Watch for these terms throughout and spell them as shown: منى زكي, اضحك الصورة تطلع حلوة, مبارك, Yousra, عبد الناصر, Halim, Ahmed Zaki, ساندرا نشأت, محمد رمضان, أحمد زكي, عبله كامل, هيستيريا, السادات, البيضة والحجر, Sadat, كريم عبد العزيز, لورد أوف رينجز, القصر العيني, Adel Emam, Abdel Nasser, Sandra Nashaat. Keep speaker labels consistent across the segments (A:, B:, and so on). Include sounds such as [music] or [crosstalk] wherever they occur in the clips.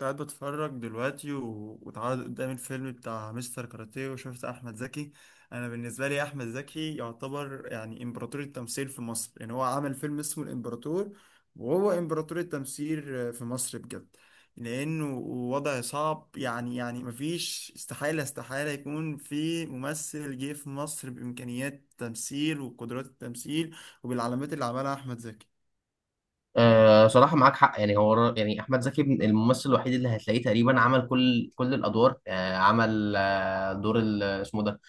A: قاعد بتفرج دلوقتي واتعرض قدامي الفيلم بتاع مستر كاراتيه وشفت احمد زكي. انا بالنسبه لي احمد زكي يعتبر امبراطور التمثيل في مصر، يعني هو عمل فيلم اسمه الامبراطور وهو امبراطور التمثيل في مصر بجد. لانه وضع صعب، يعني مفيش استحاله يكون في ممثل جه في مصر بامكانيات التمثيل وقدرات التمثيل وبالعلامات اللي عملها احمد زكي.
B: صراحة معاك حق. يعني هو يعني أحمد زكي الممثل الوحيد اللي هتلاقيه تقريبا عمل كل الأدوار، عمل دور اسمه ده،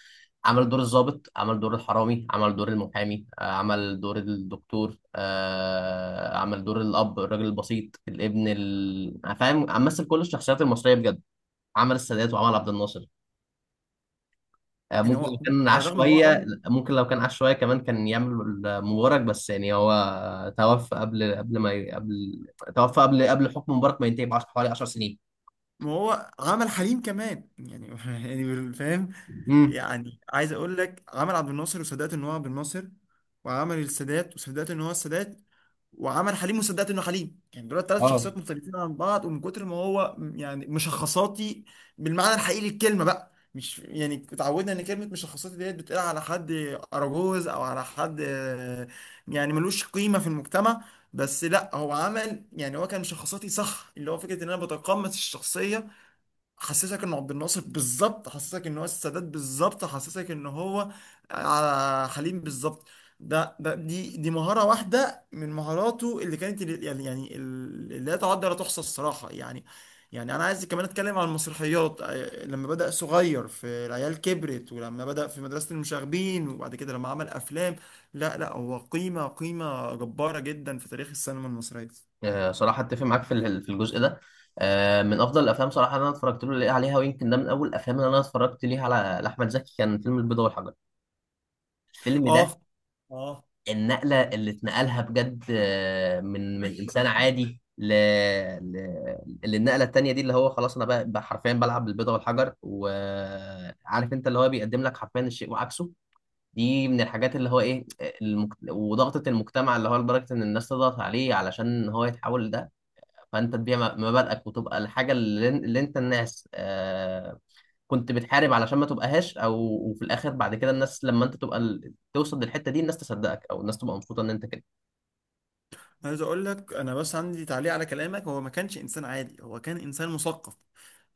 B: عمل دور الضابط، عمل دور الحرامي، عمل دور المحامي، عمل دور الدكتور، عمل دور الأب الراجل البسيط الابن فاهم، مثل كل الشخصيات المصرية بجد. عمل السادات وعمل عبد الناصر.
A: يعني
B: ممكن لو
A: هو
B: كان
A: على
B: عاش
A: الرغم ان هو
B: شوية،
A: عمل
B: كمان كان يعمل مبارك. بس يعني هو توفى قبل ما ي- قبل، توفى قبل حكم مبارك ما ينتهي بعشر، حوالي 10 سنين.
A: ما هو عمل حليم كمان يعني [laughs] يعني فاهم.
B: امم
A: يعني عايز اقول لك، عمل عبد الناصر وصدقت ان هو عبد الناصر، وعمل السادات وصدقت ان هو السادات، وعمل حليم وصدقت انه حليم. يعني دول ثلاث
B: اه.
A: شخصيات مختلفين عن بعض، ومن كتر ما هو يعني مشخصاتي بالمعنى الحقيقي للكلمه، بقى مش يعني اتعودنا ان كلمه مشخصاتي ديت بتقال على حد اراجوز او على حد يعني ملوش قيمه في المجتمع. بس لا، هو عمل، يعني هو كان مشخصاتي صح، اللي هو فكره ان انا بتقمص الشخصيه. حسسك انه عبد الناصر بالظبط، حسسك ان هو السادات بالظبط، حسسك ان هو حليم بالظبط. ده ده دي دي مهارة واحدة من مهاراته اللي كانت اللي لا تعد ولا تحصى الصراحة يعني. يعني انا عايز كمان اتكلم عن المسرحيات، لما بدأ صغير في العيال كبرت، ولما بدأ في مدرسة المشاغبين، وبعد كده لما عمل افلام. لا هو قيمة، قيمة جبارة جدا في تاريخ السينما المصرية.
B: صراحة اتفق معاك في في الجزء ده. آه، من افضل الافلام صراحة اللي انا اتفرجت له عليها، ويمكن ده من اول الافلام اللي انا اتفرجت ليها على على احمد زكي كان فيلم البيضة والحجر. الفيلم ده
A: اه، اه،
B: النقلة اللي اتنقلها بجد، آه، من إنسان عادي ل... ل... للنقلة التانية دي، اللي هو خلاص أنا بقى حرفيا بلعب بالبيضة والحجر، وعارف أنت اللي هو بيقدم لك حرفيا الشيء وعكسه. دي من الحاجات اللي هو إيه، وضغطة المجتمع، اللي هو لدرجة إن الناس تضغط عليه علشان هو يتحول لده. فأنت تبيع مبادئك وتبقى الحاجة اللي أنت الناس، آه، كنت بتحارب علشان ما تبقاهاش. أو وفي الآخر بعد كده الناس لما أنت تبقى توصل للحته دي، الناس تصدقك او الناس تبقى مبسوطه ان انت كده.
A: عايز اقول لك انا بس عندي تعليق على كلامك. هو ما كانش انسان عادي، هو كان انسان مثقف،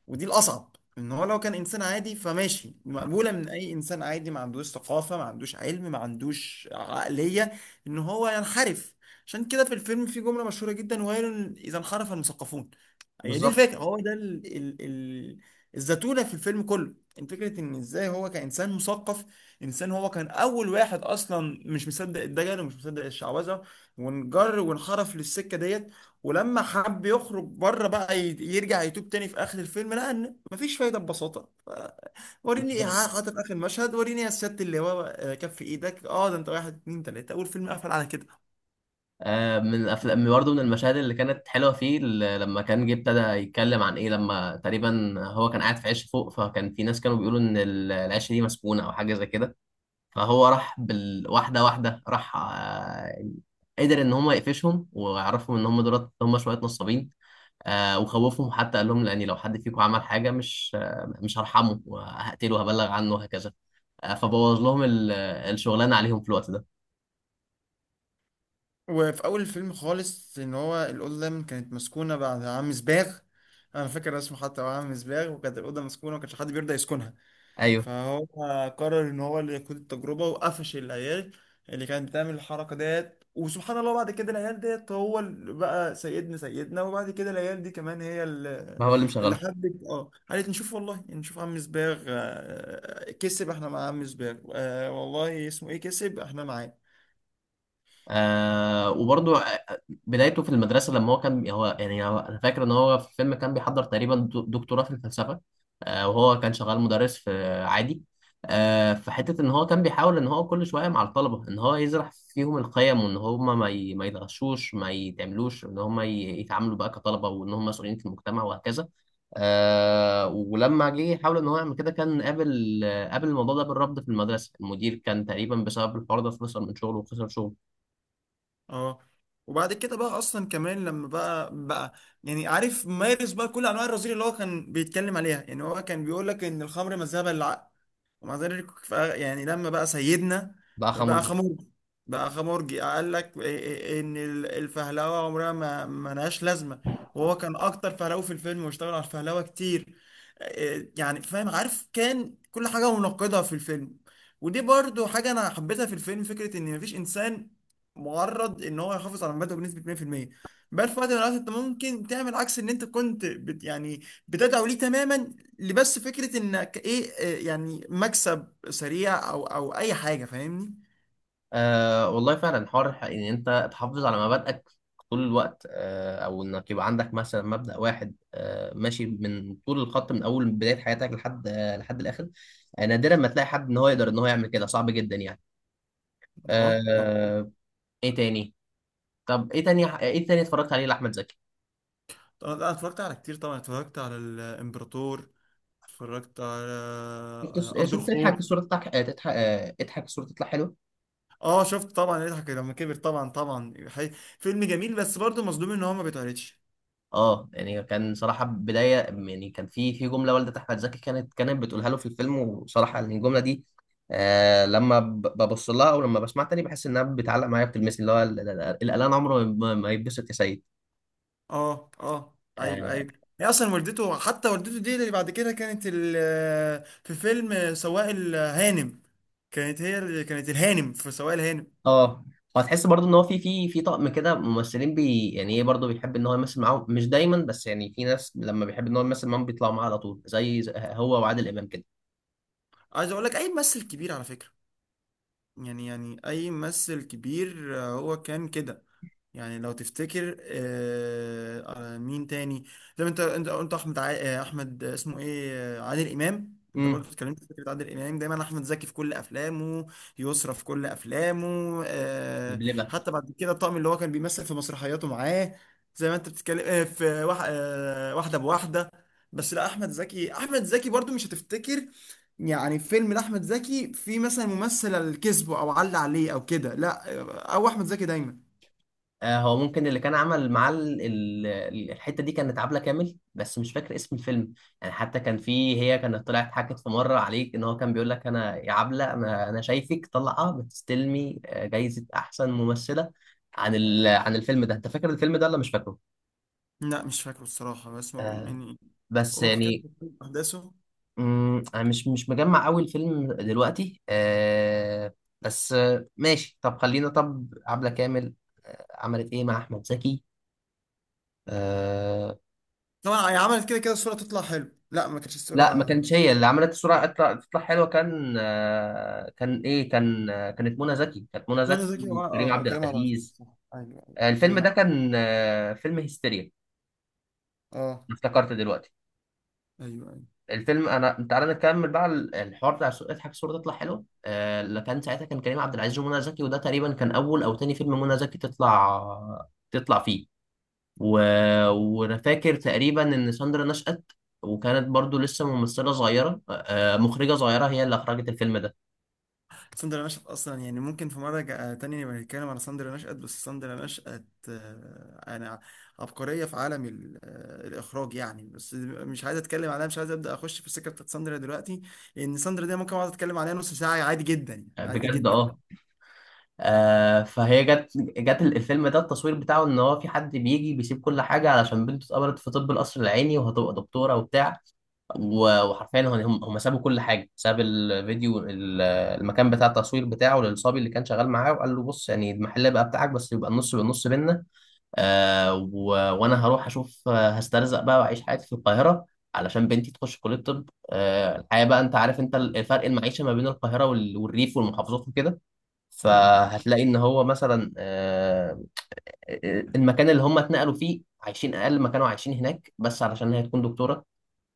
A: ودي الأصعب. إن هو لو كان إنسان عادي فماشي، مقبولة من أي إنسان عادي ما عندوش ثقافة، ما عندوش علم، ما عندوش عقلية إن هو ينحرف. عشان كده في الفيلم في جملة مشهورة جدا: ويل إذا انحرف المثقفون. هي دي
B: بالظبط.
A: الفكرة، هو ده الزتونة في الفيلم كله. إن فكرة إن إزاي هو كإنسان مثقف، إنسان هو كان أول واحد أصلا مش مصدق الدجل ومش مصدق الشعوذة، وانجر وانحرف للسكة ديت. ولما حب يخرج بره بقى يرجع يتوب تاني في اخر الفيلم، لقى ان مفيش فايده ببساطه. وريني
B: بالظبط.
A: حاطط اخر مشهد، وريني يا سياده اللواء كف ايدك. اه، ده انت واحد اتنين تلاته، اول فيلم قفل على كده.
B: آه، من افلام برضه، من المشاهد اللي كانت حلوه فيه لما كان جه ابتدى يتكلم عن ايه، لما تقريبا هو كان قاعد في عش فوق، فكان في ناس كانوا بيقولوا ان العش دي مسكونه او حاجه زي كده. فهو راح بالواحده واحده، راح آه، قدر ان هم يقفشهم ويعرفهم ان هم دولت هم شويه نصابين. آه، وخوفهم حتى، قال لهم لاني لو حد فيكم عمل حاجه مش هرحمه وهقتله وهبلغ عنه وهكذا. آه، فبوظ لهم الشغلانه عليهم في الوقت ده.
A: وفي اول الفيلم خالص ان هو الاوضه كانت مسكونه بعد عم سباغ. انا فاكر اسمه حتى هو عم سباغ، وكانت الاوضه مسكونه وما كانش حد بيرضى يسكنها.
B: ايوه،
A: فهو قرر ان هو اللي يقود التجربه وقفش العيال اللي كانت بتعمل الحركه ديت. وسبحان الله بعد كده العيال ديت هو اللي بقى سيدنا سيدنا، وبعد كده العيال دي كمان هي اللي،
B: ما هو اللي
A: اللي
B: مشغلهم.
A: حبت. اه، قالت نشوف والله، نشوف عم سباغ كسب، احنا مع عم سباغ والله اسمه ايه، كسب احنا معاه.
B: آه وبرضه بدايته في المدرسة. لما هو كان هو أنا فاكر إن هاه في الفيلم كان بيحضر تقريبا دكتوراه في الفلسفة. آه، وهو كان شغال مدرس في عادي. آه، في حتة إن هو كان بيحاول إن هو كل شوية مع الطلبة إن هو يزرع فيهم القيم، وإن هما ما يتغشوش، ما يتعملوش، إن هما يتعاملوا بقى كطلبة، وإن هما مسؤولين في المجتمع وهكذا. آه، ولما جه يحاول ان هو يعمل كده كان قابل، قابل الموضوع ده بالرفض في المدرسه. المدير كان تقريبا بسبب الحوار ده خسر من شغله وخسر شغله.
A: اه، وبعد كده بقى اصلا كمان لما بقى يعني عارف، مارس بقى كل انواع الرذيله اللي هو كان بيتكلم عليها. يعني هو كان بيقول لك ان الخمر مذهبة للعقل، ومع ذلك يعني لما بقى سيدنا
B: بقى
A: بقى
B: خمر.
A: خمورجي. بقى خمورجي قال لك إيه- إيه- إيه، ان الفهلوه عمرها ما لهاش لازمه، وهو كان اكتر فهلوه في الفيلم، واشتغل على الفهلوه كتير. إيه، يعني فاهم عارف، كان كل حاجه منقضه في الفيلم. ودي برضو حاجه انا حبيتها في الفيلم، فكره ان مفيش انسان معرض ان هو يحافظ على مبادئه بنسبه 100%. بل في وقت من الاوقات انت ممكن تعمل عكس ان انت كنت بت يعني بتدعو ليه تماما. اللي بس فكرة انك ايه، يعني مكسب سريع او اي حاجة، فاهمني.
B: آه والله فعلا حوار ان انت تحافظ على مبادئك طول الوقت، آه، او انك يبقى عندك مثلا مبدأ واحد آه ماشي من طول الخط من اول بداية حياتك لحد آه لحد الاخر. آه، نادرا ما تلاقي حد ان هو يقدر ان هو يعمل كده، صعب جدا يعني.
A: اه مظبوط.
B: آه. ايه تاني؟ طب ايه تاني؟ ايه تاني اتفرجت عليه لاحمد زكي؟
A: طبعاً انا اتفرجت على كتير، طبعا اتفرجت على الامبراطور، اتفرجت على
B: شفت
A: ارض
B: شفت اضحك
A: الخوف.
B: الصورة تضحك، تضحك، اضحك الصورة تطلع حلوة.
A: اه شفت طبعا، يضحك لما كبر طبعا، فيلم جميل بس برضه مظلوم ان هو ما بيتعرضش.
B: اه، يعني كان صراحة بداية، يعني كان في في جملة والدة أحمد زكي كانت بتقولها له في الفيلم، وصراحة يعني الجملة دي آه، لما ببص لها أو لما بسمعها تاني بحس إنها بتعلق معايا، بتلمسني، اللي هو الإعلان عمره ما ما يتبسط يا سيد.
A: اه، اه، ايوه،
B: اه.
A: ايوه. هي اصلا والدته، حتى والدته دي اللي بعد كده كانت في فيلم سواق الهانم، كانت هي اللي كانت الهانم في سواق الهانم.
B: آه. وهتحس برضو إن هو في طقم كده ممثلين بي يعني إيه، برضو بيحب إن هو يمثل معاهم، مش دايما بس يعني في ناس لما بيحب إن هو يمثل معاهم بيطلعوا معاه على طول، زي هو وعادل إمام كده.
A: عايز اقول لك اي ممثل كبير على فكرة، يعني اي ممثل كبير هو كان كده. يعني لو تفتكر مين تاني؟ زي ما انت قلت احمد ع... آه، احمد آه، اسمه ايه آه، عادل امام. انت برضه اتكلمت في فكره عادل امام دايما، احمد زكي في كل افلامه، يسرا في كل افلامه. آه،
B: امم
A: حتى بعد كده الطقم اللي هو كان بيمثل في مسرحياته معاه، زي ما انت بتتكلم آه، في وح... آه، واحده بواحده. بس لا احمد زكي، احمد زكي برضه مش هتفتكر يعني فيلم لاحمد زكي في مثلا ممثل الكذب، او علق عليه او كده، لا او احمد زكي دايما.
B: آه، هو ممكن اللي كان عمل معاه الحته دي كانت عبله كامل، بس مش فاكر اسم الفيلم. يعني حتى كان في، هي كانت طلعت حكت في مره عليك ان هو كان بيقول لك انا يا عبله، انا شايفك طالعه بتستلمي آه، جايزه احسن ممثله عن عن الفيلم ده. انت فاكر الفيلم ده ولا مش فاكره؟
A: لا مش فاكره الصراحة،
B: آه،
A: يعني هو
B: بس
A: ممكن كده
B: يعني
A: تكون أحداثه.
B: انا مش مجمع قوي الفيلم دلوقتي، آه، بس آه، ماشي. طب خلينا، طب عبله كامل عملت ايه مع احمد زكي؟ آه،
A: طبعا هي عملت كده كده الصورة تطلع حلو، لا ما كانتش الصورة.
B: لا ما كانتش هي اللي عملت الصورة تطلع حلوة. كان آه، كان إيه كان آه، كانت منى زكي، كانت منى
A: منى
B: زكي
A: زكي
B: وكريم عبد
A: وكريم عبد العزيز
B: العزيز.
A: صح. أيوه، أيوه،
B: آه، الفيلم
A: وكان.
B: ده كان آه، فيلم هيستيريا.
A: اه،
B: افتكرت دلوقتي
A: أيوه، أيوه.
B: الفيلم. أنا تعالى نكمل بقى الحوار بتاع الصورة، اضحك الصورة تطلع حلوة، آه، اللي كان ساعتها كان كريم عبد العزيز ومنى زكي. وده تقريبا كان أول أو تاني فيلم منى زكي تطلع فيه. و... وأنا فاكر تقريبا إن ساندرا نشأت، وكانت برضو لسه ممثلة صغيرة آه، مخرجة صغيرة، هي اللي أخرجت الفيلم ده.
A: ساندرا نشأت، أصلا يعني ممكن في مرة تانية نبقى نتكلم على ساندرا نشأت. بس ساندرا نشأت يعني عبقرية في عالم الإخراج يعني. بس مش عايز أتكلم عليها، مش عايز أبدأ أخش في السكة بتاعت ساندرا دلوقتي، لأن ساندرا دي ممكن أقعد أتكلم عليها نص ساعة عادي جدا، يعني عادي
B: بجد
A: جدا.
B: اه. آه، فهي جت، جت الفيلم ده التصوير بتاعه ان هو في حد بيجي بيسيب كل حاجه علشان بنته اتقبلت في طب القصر العيني وهتبقى دكتوره وبتاع. وحرفيا هم سابوا كل حاجه، ساب الفيديو المكان بتاع التصوير بتاعه للصبي اللي كان شغال معاه، وقال له بص يعني المحل بقى بتاعك، بس يبقى النص بالنص بينا، آه، وانا هروح اشوف آه، هسترزق بقى واعيش حياتي في القاهره علشان بنتي تخش كليه طب، آه، الحياه بقى انت عارف انت الفرق المعيشه ما بين القاهره والريف والمحافظات وكده. فهتلاقي ان هو مثلا آه، المكان اللي هم اتنقلوا فيه عايشين اقل ما كانوا عايشين هناك، بس علشان هي تكون دكتوره.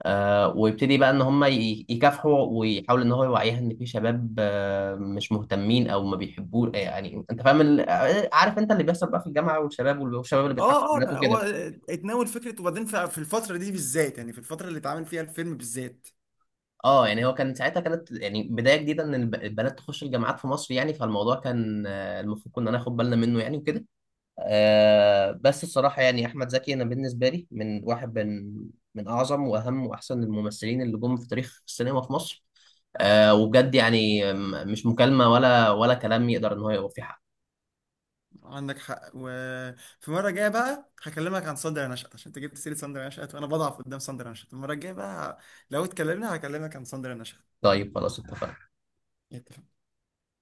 B: آه، ويبتدي بقى ان هم يكافحوا، ويحاول ان هو يوعيها ان في شباب آه، مش مهتمين او ما بيحبوه آه، يعني انت فاهم عارف انت اللي بيحصل بقى في الجامعه والشباب، والشباب اللي بيضحكوا في
A: اه، اه،
B: البنات
A: ده هو
B: وكده.
A: اتناول فكره. وبعدين في الفتره دي بالذات، يعني في الفتره اللي اتعمل فيها الفيلم بالذات.
B: اه، يعني هو كان ساعتها كانت يعني بدايه جديده ان البنات تخش الجامعات في مصر، يعني فالموضوع كان آه، المفروض كنا ناخد بالنا منه يعني وكده. آه، بس الصراحة يعني أحمد زكي أنا بالنسبة لي من واحد من من أعظم وأهم وأحسن الممثلين اللي جم في تاريخ السينما في مصر. آه وبجد يعني مش مكالمة ولا كلام يقدر إن هو يوفي حق.
A: عندك حق، وفي مره جايه بقى هكلمك عن ساندرا نشأت، عشان انت جبت سيره ساندرا نشأت، وانا بضعف قدام ساندرا نشأت. المره الجايه بقى لو اتكلمنا، هكلمك عن ساندرا نشأت.
B: طيب خلاص اتفقنا.